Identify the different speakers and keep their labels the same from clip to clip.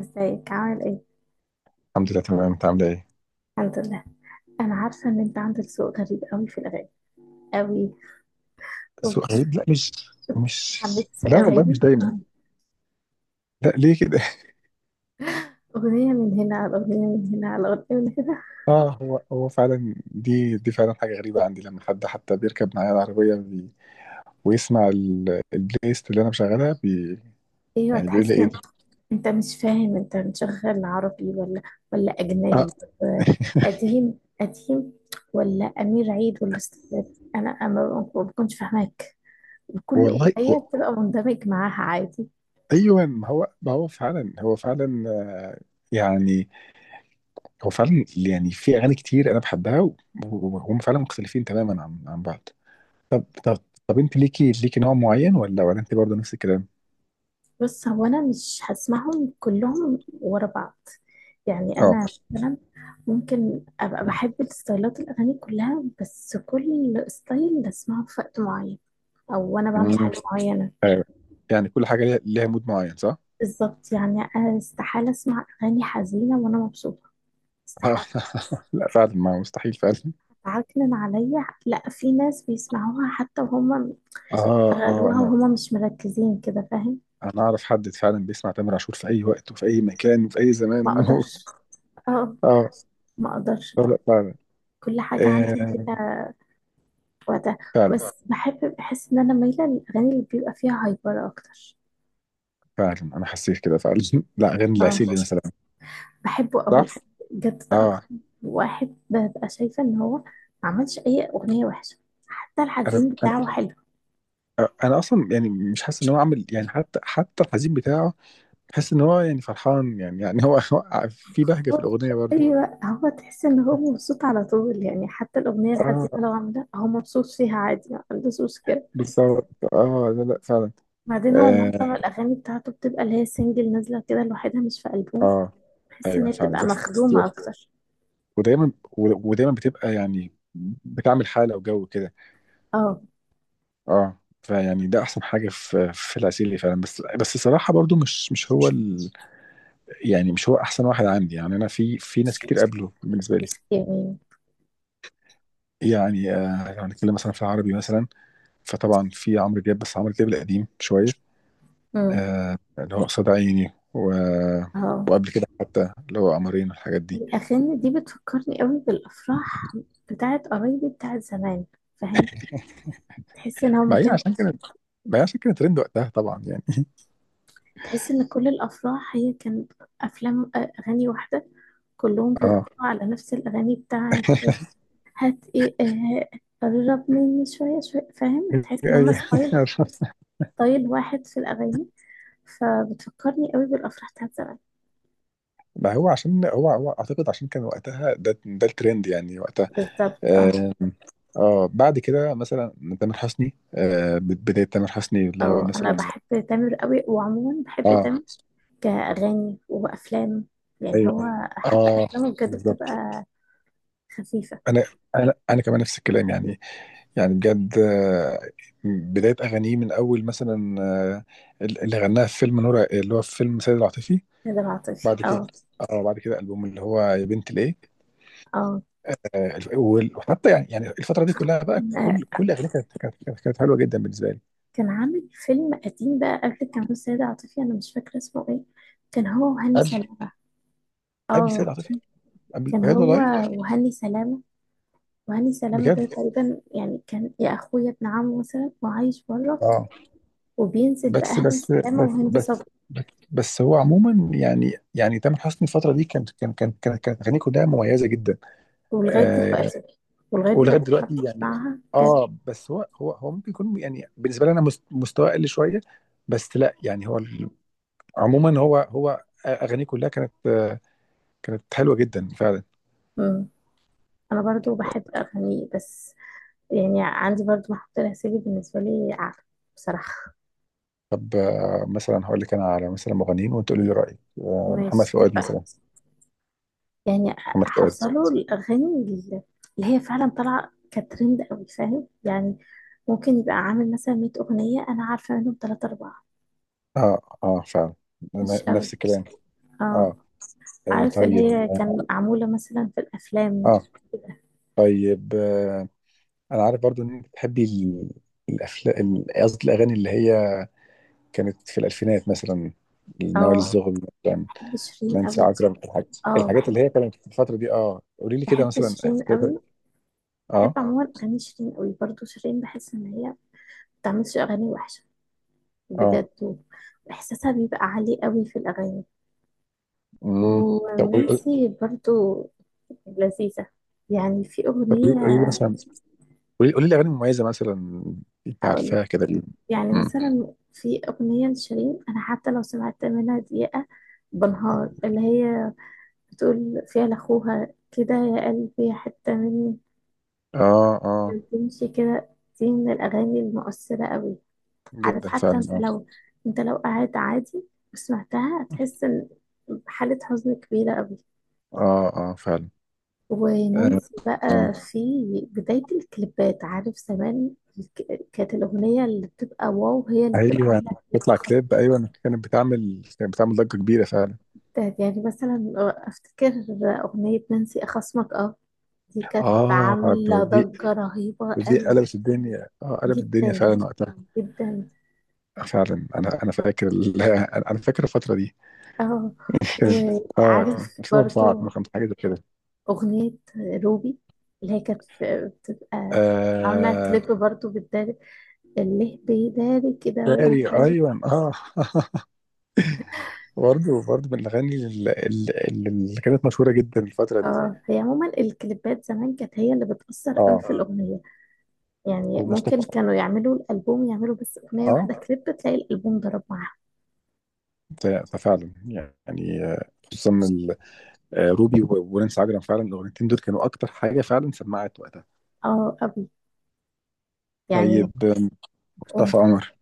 Speaker 1: ازيك، عامل ايه؟
Speaker 2: الحمد لله تمام، انت عامله ايه؟
Speaker 1: الحمد لله. انا عارفه ان انت عندك ذوق غريب قوي في الاغاني، قوي.
Speaker 2: سؤال،
Speaker 1: وبتسمع
Speaker 2: لا مش.
Speaker 1: ميكس
Speaker 2: لا والله
Speaker 1: اغاني،
Speaker 2: مش دايما. لا ليه كده؟
Speaker 1: اغنيه من هنا على اغنيه من هنا على اغنيه من هنا.
Speaker 2: اه، هو فعلا دي فعلا حاجه غريبه عندي لما حد حتى بيركب معايا العربيه بي، ويسمع البلاylist اللي انا مشغلها بي.
Speaker 1: ايوه،
Speaker 2: يعني بيقول لي
Speaker 1: تحس
Speaker 2: ايه
Speaker 1: ان
Speaker 2: ده؟
Speaker 1: انت مش فاهم، انت مشغل عربي ولا
Speaker 2: اه.
Speaker 1: اجنبي، ولا قديم قديم، ولا امير عيد، ولا استاذ. أنا ما بكونش فاهماك، وكل
Speaker 2: والله
Speaker 1: اغنيه
Speaker 2: هو،
Speaker 1: بتبقى مندمج معاها عادي.
Speaker 2: ايوه، ما هو فعلا، هو فعلا، آه، يعني هو فعلا. يعني في اغاني كتير انا بحبها، وهم فعلا مختلفين تماما عن بعض. طب طب طب انت ليكي نوع معين ولا انت برضه نفس الكلام؟
Speaker 1: بص، هو انا مش هسمعهم كلهم ورا بعض، يعني
Speaker 2: اه.
Speaker 1: انا مثلا ممكن ابقى بحب الستايلات الاغاني كلها، بس كل ستايل بسمعه في وقت معين، او وانا بعمل
Speaker 2: مم.
Speaker 1: حاجه معينه.
Speaker 2: ايوه، يعني كل حاجه ليها مود معين، صح؟
Speaker 1: بالظبط، يعني انا استحاله اسمع اغاني حزينه وانا مبسوطه،
Speaker 2: اه.
Speaker 1: استحاله.
Speaker 2: لا فعلا، ما مستحيل فعلا.
Speaker 1: عكنن عليا، لا في ناس بيسمعوها حتى وهم
Speaker 2: اه. اه،
Speaker 1: غلوها
Speaker 2: انا
Speaker 1: وهم مش مركزين كده، فاهم؟
Speaker 2: انا اعرف حد فعلا بيسمع تامر عاشور في اي وقت وفي اي مكان وفي اي
Speaker 1: ما
Speaker 2: زمان.
Speaker 1: اقدرش. اه،
Speaker 2: اه،
Speaker 1: ما اقدرش بقى.
Speaker 2: لا فعلا.
Speaker 1: كل حاجه عندي
Speaker 2: آه،
Speaker 1: ليها وقتها.
Speaker 2: فعلا
Speaker 1: بس بحس ان انا مايله للاغاني اللي بيبقى فيها هايبر اكتر.
Speaker 2: فعلا انا حسيت كده فعلا. لا، غير
Speaker 1: اه،
Speaker 2: العسيلي مثلا،
Speaker 1: بحبه قوي يعني،
Speaker 2: صح؟
Speaker 1: بجد، ده
Speaker 2: اه،
Speaker 1: اكتر واحد ببقى شايفه ان هو ما عملش اي اغنيه وحشه، حتى
Speaker 2: انا
Speaker 1: الحزين
Speaker 2: انا
Speaker 1: بتاعه حلو.
Speaker 2: انا اصلا يعني مش حاسس ان هو عامل، يعني حتى الحزين بتاعه، حاسس ان هو يعني فرحان، يعني هو، هو في بهجه في
Speaker 1: هو،
Speaker 2: الاغنيه برضه.
Speaker 1: ايوه، هو تحس ان هو مبسوط على طول، يعني حتى الاغنيه
Speaker 2: اه
Speaker 1: الحزينه لو عامله هو مبسوط فيها عادي، ما عندوش مشكله.
Speaker 2: بالظبط، اه لا لا فعلا.
Speaker 1: بعدين هو
Speaker 2: اه،
Speaker 1: معظم الاغاني بتاعته بتبقى اللي هي سنجل نازله كده لوحدها، مش في البوم،
Speaker 2: آه،
Speaker 1: بحس ان
Speaker 2: ايوه
Speaker 1: هي
Speaker 2: فعلا.
Speaker 1: بتبقى
Speaker 2: بس
Speaker 1: مخدومه اكتر.
Speaker 2: ودايما ودايما بتبقى يعني، بتعمل حاله وجو كده.
Speaker 1: اه،
Speaker 2: اه، فيعني ده احسن حاجه في العسيلي فعلا. بس الصراحه برضو مش هو ال، يعني مش هو احسن واحد عندي. يعني انا في ناس كتير قبله بالنسبه لي.
Speaker 1: مش يعني.
Speaker 2: يعني آه، لو هنتكلم مثلا في العربي مثلا، فطبعا في عمرو دياب، بس عمرو دياب القديم شويه،
Speaker 1: امم.
Speaker 2: آه، اللي هو قصاد عيني، و
Speaker 1: اه،
Speaker 2: وقبل كده حتى اللي هو قمرين والحاجات دي.
Speaker 1: الأغاني دي بتفكرني قوي بالأفراح بتاعت قرايبي، بتاعت زمان، فاهم؟ تحس إن هو ما
Speaker 2: ما هي
Speaker 1: كان،
Speaker 2: عشان كانت ما هي عشان كانت ترند وقتها طبعا، يعني.
Speaker 1: تحس إن كل الأفراح هي كانت أفلام، أغاني واحدة، كلهم بيرقصوا
Speaker 2: اه.
Speaker 1: على نفس الأغاني بتاعت هات إيه، قرب مني شوية شوية، فاهم؟ تحس إن هما
Speaker 2: أي-
Speaker 1: ستايل واحد في الأغاني، فبتفكرني قوي بالأفراح بتاعت زمان.
Speaker 2: ما هو عشان هو اعتقد، عشان كان وقتها ده الترند يعني وقتها.
Speaker 1: بالظبط اه.
Speaker 2: آم، اه. بعد كده مثلا تامر حسني، بداية تامر حسني اللي هو
Speaker 1: اه، أنا
Speaker 2: مثلا.
Speaker 1: بحب تامر قوي، وعموما بحب
Speaker 2: اه.
Speaker 1: تامر كأغاني وأفلام، يعني هو
Speaker 2: ايوه.
Speaker 1: حتى
Speaker 2: اه،
Speaker 1: أفلامه بجد
Speaker 2: بالظبط.
Speaker 1: بتبقى خفيفة.
Speaker 2: انا انا كمان نفس الكلام يعني. يعني بجد، بداية اغانيه من اول مثلا، آه، اللي غناها في فيلم نور، اللي هو في فيلم سيد العاطفي.
Speaker 1: نادر عاطفي،
Speaker 2: بعد كده
Speaker 1: اه.
Speaker 2: اه، بعد كده البوم اللي هو يا بنت ليه.
Speaker 1: اه،
Speaker 2: وحتى يعني، يعني الفتره دي كلها بقى، كل
Speaker 1: آه،
Speaker 2: كل اغنيه كانت كانت حلوه جدا بالنسبه لي.
Speaker 1: كان عامل فيلم قديم بقى قبل، كان هو السيدة عاطفي، أنا مش فاكرة اسمه ايه. كان هو وهاني
Speaker 2: قبل
Speaker 1: سلامة.
Speaker 2: قبل
Speaker 1: اه،
Speaker 2: سيد عاطفي، قبل،
Speaker 1: كان
Speaker 2: وهي
Speaker 1: هو
Speaker 2: والله.
Speaker 1: وهاني سلامة. وهاني سلامة
Speaker 2: بجد.
Speaker 1: ده تقريبا يعني كان يا أخويا ابن عمه مثلا وعايش بره،
Speaker 2: اه
Speaker 1: وبينزل بقى
Speaker 2: بس
Speaker 1: هاني
Speaker 2: بس
Speaker 1: سلامة
Speaker 2: بس
Speaker 1: وهند
Speaker 2: بس
Speaker 1: صبري.
Speaker 2: بس, بس هو عموما، يعني تامر حسني الفتره دي، كانت كانت اغانيه كلها مميزه جدا.
Speaker 1: ولغاية
Speaker 2: آه،
Speaker 1: دلوقتي ولغاية
Speaker 2: ولغايه
Speaker 1: دلوقتي أنا
Speaker 2: دلوقتي يعني.
Speaker 1: بسمعها بجد.
Speaker 2: اه، بس هو ممكن يكون، يعني بالنسبه لي انا، مستواه اقل شويه. بس لا، يعني هو ال، عموما هو اغانيه كلها كانت حلوه جدا فعلا.
Speaker 1: مم. أنا برضو بحب أغانيه، بس يعني عندي برضو محطة الغسيل بالنسبة لي أعلى، بصراحة.
Speaker 2: طب مثلا هقول لك انا على مثلا مغنيين وانت قولي لي رايك. محمد
Speaker 1: ماشي،
Speaker 2: فؤاد
Speaker 1: اتفقنا.
Speaker 2: مثلا.
Speaker 1: يعني
Speaker 2: محمد فؤاد.
Speaker 1: حافظة له الأغاني اللي هي فعلا طالعة كترند أوي، فاهم؟ يعني ممكن يبقى عامل مثلا 100 أغنية، أنا عارفة منهم تلاتة أربعة،
Speaker 2: اه، اه فعلا،
Speaker 1: مش أوي.
Speaker 2: نفس الكلام.
Speaker 1: اه،
Speaker 2: اه،
Speaker 1: عارف اللي
Speaker 2: طيب.
Speaker 1: هي
Speaker 2: اه،
Speaker 1: كان معمولة مثلا في الأفلام
Speaker 2: آه،
Speaker 1: كده.
Speaker 2: طيب. انا عارف برضو ان انت بتحبي الافلام، قصدي الاغاني اللي هي كانت في الالفينات مثلا. نوال
Speaker 1: اه،
Speaker 2: الزغبي مثلا،
Speaker 1: بحب شيرين
Speaker 2: نانسي
Speaker 1: قوي دي.
Speaker 2: عجرم، الحاجات
Speaker 1: اه،
Speaker 2: الحاجات اللي
Speaker 1: بحب
Speaker 2: هي كانت في الفتره دي. اه قولي لي كده
Speaker 1: بحب
Speaker 2: مثلا.
Speaker 1: شيرين قوي، بحب
Speaker 2: اه.
Speaker 1: عموما أغاني شيرين قوي، برضو شيرين بحس إن هي ما بتعملش أغاني وحشة،
Speaker 2: اه.
Speaker 1: بجد، وإحساسها بيبقى عالي قوي في الأغاني،
Speaker 2: امم. طب
Speaker 1: ونانسي برضو لذيذة. يعني في
Speaker 2: طب قولي
Speaker 1: أغنية
Speaker 2: قولي لي مثلا، قولي لي أغاني مميزة مثلا، أنت
Speaker 1: أقول
Speaker 2: عارفاها كده ليه؟
Speaker 1: يعني
Speaker 2: مم.
Speaker 1: مثلا في أغنية لشيرين، أنا حتى لو سمعت منها دقيقة، بنهار، اللي هي بتقول فيها لأخوها كده يا قلبي حتة مني،
Speaker 2: آه، آه.
Speaker 1: بتمشي كده، دي من الأغاني المؤثرة قوي. عارف،
Speaker 2: جدا
Speaker 1: حتى
Speaker 2: فعلا،
Speaker 1: أنت
Speaker 2: آه.
Speaker 1: لو أنت لو قاعد عادي وسمعتها هتحس إن حالة حزن كبيرة قوي.
Speaker 2: آه آه فعلا. آه.
Speaker 1: ونانسي
Speaker 2: آه.
Speaker 1: بقى في بداية الكليبات، عارف زمان، كانت الأغنية اللي بتبقى واو هي اللي بتبقى
Speaker 2: أيوه.
Speaker 1: عاملة كليب
Speaker 2: بيطلع كليب،
Speaker 1: خطير.
Speaker 2: أيوه، كانت بتعمل ضجة كبيرة فعلا.
Speaker 1: يعني مثلا أفتكر أغنية نانسي أخصمك، دي كانت
Speaker 2: آه، ده،
Speaker 1: عاملة
Speaker 2: دي
Speaker 1: ضجة رهيبة
Speaker 2: دي
Speaker 1: قوي،
Speaker 2: قلبت الدنيا، آه قلبت الدنيا
Speaker 1: جدا
Speaker 2: فعلا وقتها.
Speaker 1: جدا.
Speaker 2: فعلا، أنا فاكر ال، أنا فاكر الفترة دي.
Speaker 1: اه
Speaker 2: كان
Speaker 1: اه،
Speaker 2: آه، كان
Speaker 1: وعارف
Speaker 2: 2004
Speaker 1: برضو
Speaker 2: 2005 حاجة زي كده.
Speaker 1: أغنية روبي، اللي هي كانت بتبقى عاملة
Speaker 2: آه
Speaker 1: كليب برضو بتداري، اللي بيداري كده.
Speaker 2: فاري، أيوه آه. برضه من الأغاني اللي كانت مشهورة جدا الفترة دي.
Speaker 1: اه، هي عموما الكليبات زمان كانت هي اللي بتأثر قوي
Speaker 2: اه.
Speaker 1: في الأغنية، يعني ممكن
Speaker 2: ومصطفى،
Speaker 1: كانوا يعملوا الألبوم، يعملوا بس أغنية
Speaker 2: اه،
Speaker 1: واحدة كليب تلاقي الألبوم ضرب معاها.
Speaker 2: ده فعلا يعني، خصوصا ال. روبي ونانسي عجرم فعلا، الأغنيتين دول كانوا أكتر حاجة فعلا سمعت وقتها.
Speaker 1: اه قوي
Speaker 2: طيب
Speaker 1: يعني. قول
Speaker 2: مصطفى قمر.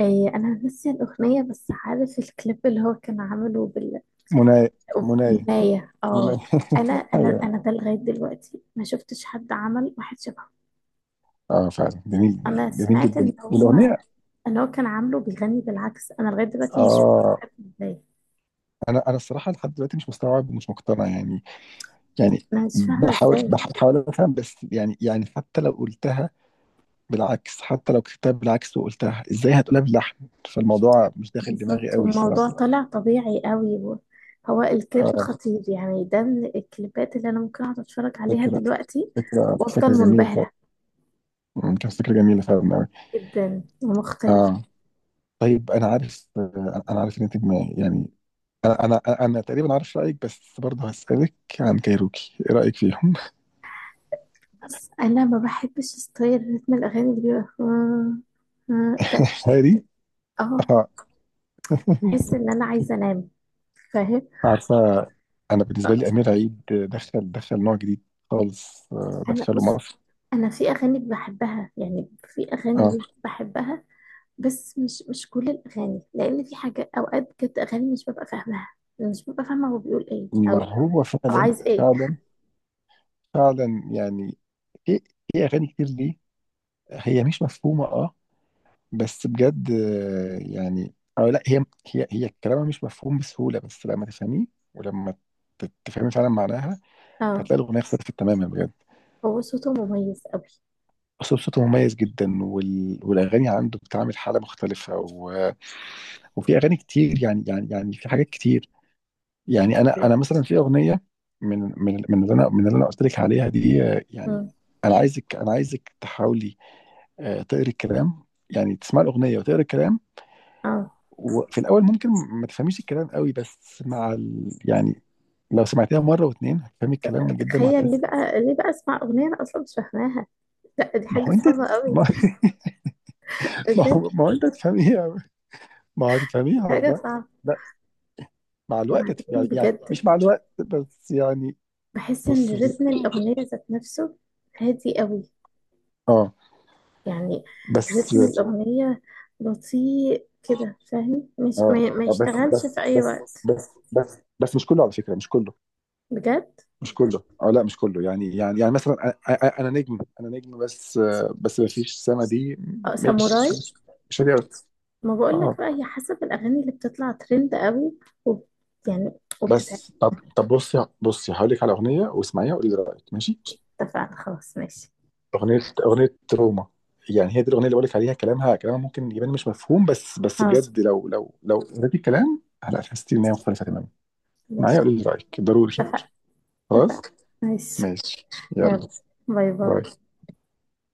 Speaker 1: إيه، أنا ناسية الأغنية بس عارف الكليب اللي هو كان عامله
Speaker 2: منايا منايا
Speaker 1: بالأغنية، اه.
Speaker 2: منايا.
Speaker 1: أنا أنا
Speaker 2: ايوه.
Speaker 1: أنا ده لغاية دلوقتي ما شفتش حد عمل واحد شبهه.
Speaker 2: اه فعلا جميل،
Speaker 1: أنا
Speaker 2: جميل
Speaker 1: سمعت
Speaker 2: جدا الأغنية.
Speaker 1: إن هو كان عامله بيغني بالعكس، أنا لغاية دلوقتي مش
Speaker 2: اه،
Speaker 1: مستوعبة إزاي،
Speaker 2: انا الصراحة لحد دلوقتي مش مستوعب ومش مقتنع يعني. يعني
Speaker 1: أنا مش فاهمة
Speaker 2: بحاول،
Speaker 1: إزاي.
Speaker 2: بحاول افهم بس، يعني حتى لو قلتها بالعكس، حتى لو كتبتها بالعكس وقلتها ازاي هتقولها باللحن، فالموضوع مش داخل دماغي
Speaker 1: بالظبط،
Speaker 2: قوي الصراحه.
Speaker 1: والموضوع طلع طبيعي قوي هو الكليب
Speaker 2: اه،
Speaker 1: خطير، يعني ده من الكليبات اللي انا ممكن اقعد اتفرج عليها
Speaker 2: فكره،
Speaker 1: دلوقتي
Speaker 2: فكره
Speaker 1: وافضل
Speaker 2: فكره جميله فعلا.
Speaker 1: منبهرة،
Speaker 2: كانت فكره جميله فعلا قوي.
Speaker 1: جدا ومختلفة.
Speaker 2: اه. طيب انا عارف، انا عارف ان انت دماغي يعني، انا تقريبا عارف رايك بس برضه هسالك عن كايروكي، ايه رايك فيهم؟
Speaker 1: بس انا ما بحبش ستايل رتم الاغاني اللي بيبقى ده.
Speaker 2: هادي.
Speaker 1: اه،
Speaker 2: اه.
Speaker 1: بحس ان انا عايزة انام، فاهم؟
Speaker 2: عارفه، انا بالنسبه
Speaker 1: آه،
Speaker 2: لي امير عيد دخل نوع جديد خالص.
Speaker 1: انا
Speaker 2: دخله
Speaker 1: بص،
Speaker 2: مصر.
Speaker 1: انا في اغاني بحبها، يعني في اغاني
Speaker 2: اه،
Speaker 1: ليه بحبها، بس مش كل الاغاني، لان في حاجه اوقات كانت اغاني مش ببقى فاهماها، مش ببقى فاهمه هو بيقول ايه
Speaker 2: ما
Speaker 1: او
Speaker 2: هو
Speaker 1: او
Speaker 2: فعلا.
Speaker 1: عايز ايه.
Speaker 2: فعلا فعلا يعني. في في اغاني كتير دي هي مش مفهومه اه. بس بجد، يعني او لا، هي، هي كلامها مش مفهوم بسهوله، بس لما تفهميه، ولما تفهمي فعلا معناها،
Speaker 1: اه،
Speaker 2: هتلاقي الاغنيه اختلفت تماما بجد.
Speaker 1: هو صوته مميز قوي.
Speaker 2: اصلا صوته مميز جدا، وال... والاغاني عنده بتعمل حاله مختلفه، و... وفي اغاني كتير يعني، يعني في حاجات كتير يعني. انا
Speaker 1: أيوة.
Speaker 2: انا مثلا في اغنيه من اللي انا، من اللي انا قلت لك عليها دي، يعني
Speaker 1: مم.
Speaker 2: انا عايزك، انا عايزك تحاولي، تقري الكلام. يعني تسمع الاغنيه وتقرا الكلام.
Speaker 1: اه،
Speaker 2: وفي الاول ممكن ما تفهميش الكلام قوي، بس مع ال، يعني لو سمعتيها مره واتنين هتفهمي الكلام جدا
Speaker 1: تخيل، ليه
Speaker 2: وهتحسي.
Speaker 1: بقى ليه بقى اسمع اغنيه انا اصلا مش فاهماها؟ لا دي
Speaker 2: ما
Speaker 1: حاجه
Speaker 2: هو انت
Speaker 1: صعبه قوي،
Speaker 2: ما، ما
Speaker 1: بجد،
Speaker 2: هو، ما هو انت هتفهميها. ما هو هتفهميها
Speaker 1: حاجه
Speaker 2: والله.
Speaker 1: صعبه.
Speaker 2: لا مع الوقت
Speaker 1: وبعدين
Speaker 2: يعني
Speaker 1: بجد
Speaker 2: مش مع الوقت بس، يعني
Speaker 1: بحس
Speaker 2: بص.
Speaker 1: ان رتم الاغنيه ذات نفسه هادي قوي،
Speaker 2: اه
Speaker 1: يعني
Speaker 2: بس.
Speaker 1: رتم الاغنيه بطيء كده، فاهم؟ مش
Speaker 2: اه،
Speaker 1: ما
Speaker 2: بس
Speaker 1: يشتغلش
Speaker 2: بس
Speaker 1: في اي
Speaker 2: بس
Speaker 1: وقت،
Speaker 2: بس بس بس مش كله على فكره، مش كله،
Speaker 1: بجد.
Speaker 2: مش كله. اه لا مش كله يعني، يعني مثلا، انا نجم، انا نجم بس، بس ما فيش السنه دي
Speaker 1: اه،
Speaker 2: مش
Speaker 1: ساموراي.
Speaker 2: مش هتقدر.
Speaker 1: ما بقولك
Speaker 2: اه
Speaker 1: بقى، هي حسب الأغاني اللي بتطلع ترند قوي، وب... يعني وبتتعب.
Speaker 2: بس طب بصي هقول لك على اغنيه واسمعيها وقولي لي رايك، ماشي؟
Speaker 1: اتفقنا، خلاص، ماشي.
Speaker 2: اغنيه اغنيه روما. يعني هي دي الاغنيه اللي بقول لك عليها، كلامها ممكن يبان مش مفهوم، بس
Speaker 1: اه،
Speaker 2: بجد لو لو قريتي الكلام هلا هتحسي ان هي مختلفه تماما. معايا؟
Speaker 1: ماشي خلاص،
Speaker 2: قولي لي رايك ضروري.
Speaker 1: اتفقنا،
Speaker 2: خلاص،
Speaker 1: اتفقنا، ماشي.
Speaker 2: ماشي. يلا،
Speaker 1: يلا، باي باي.
Speaker 2: باي.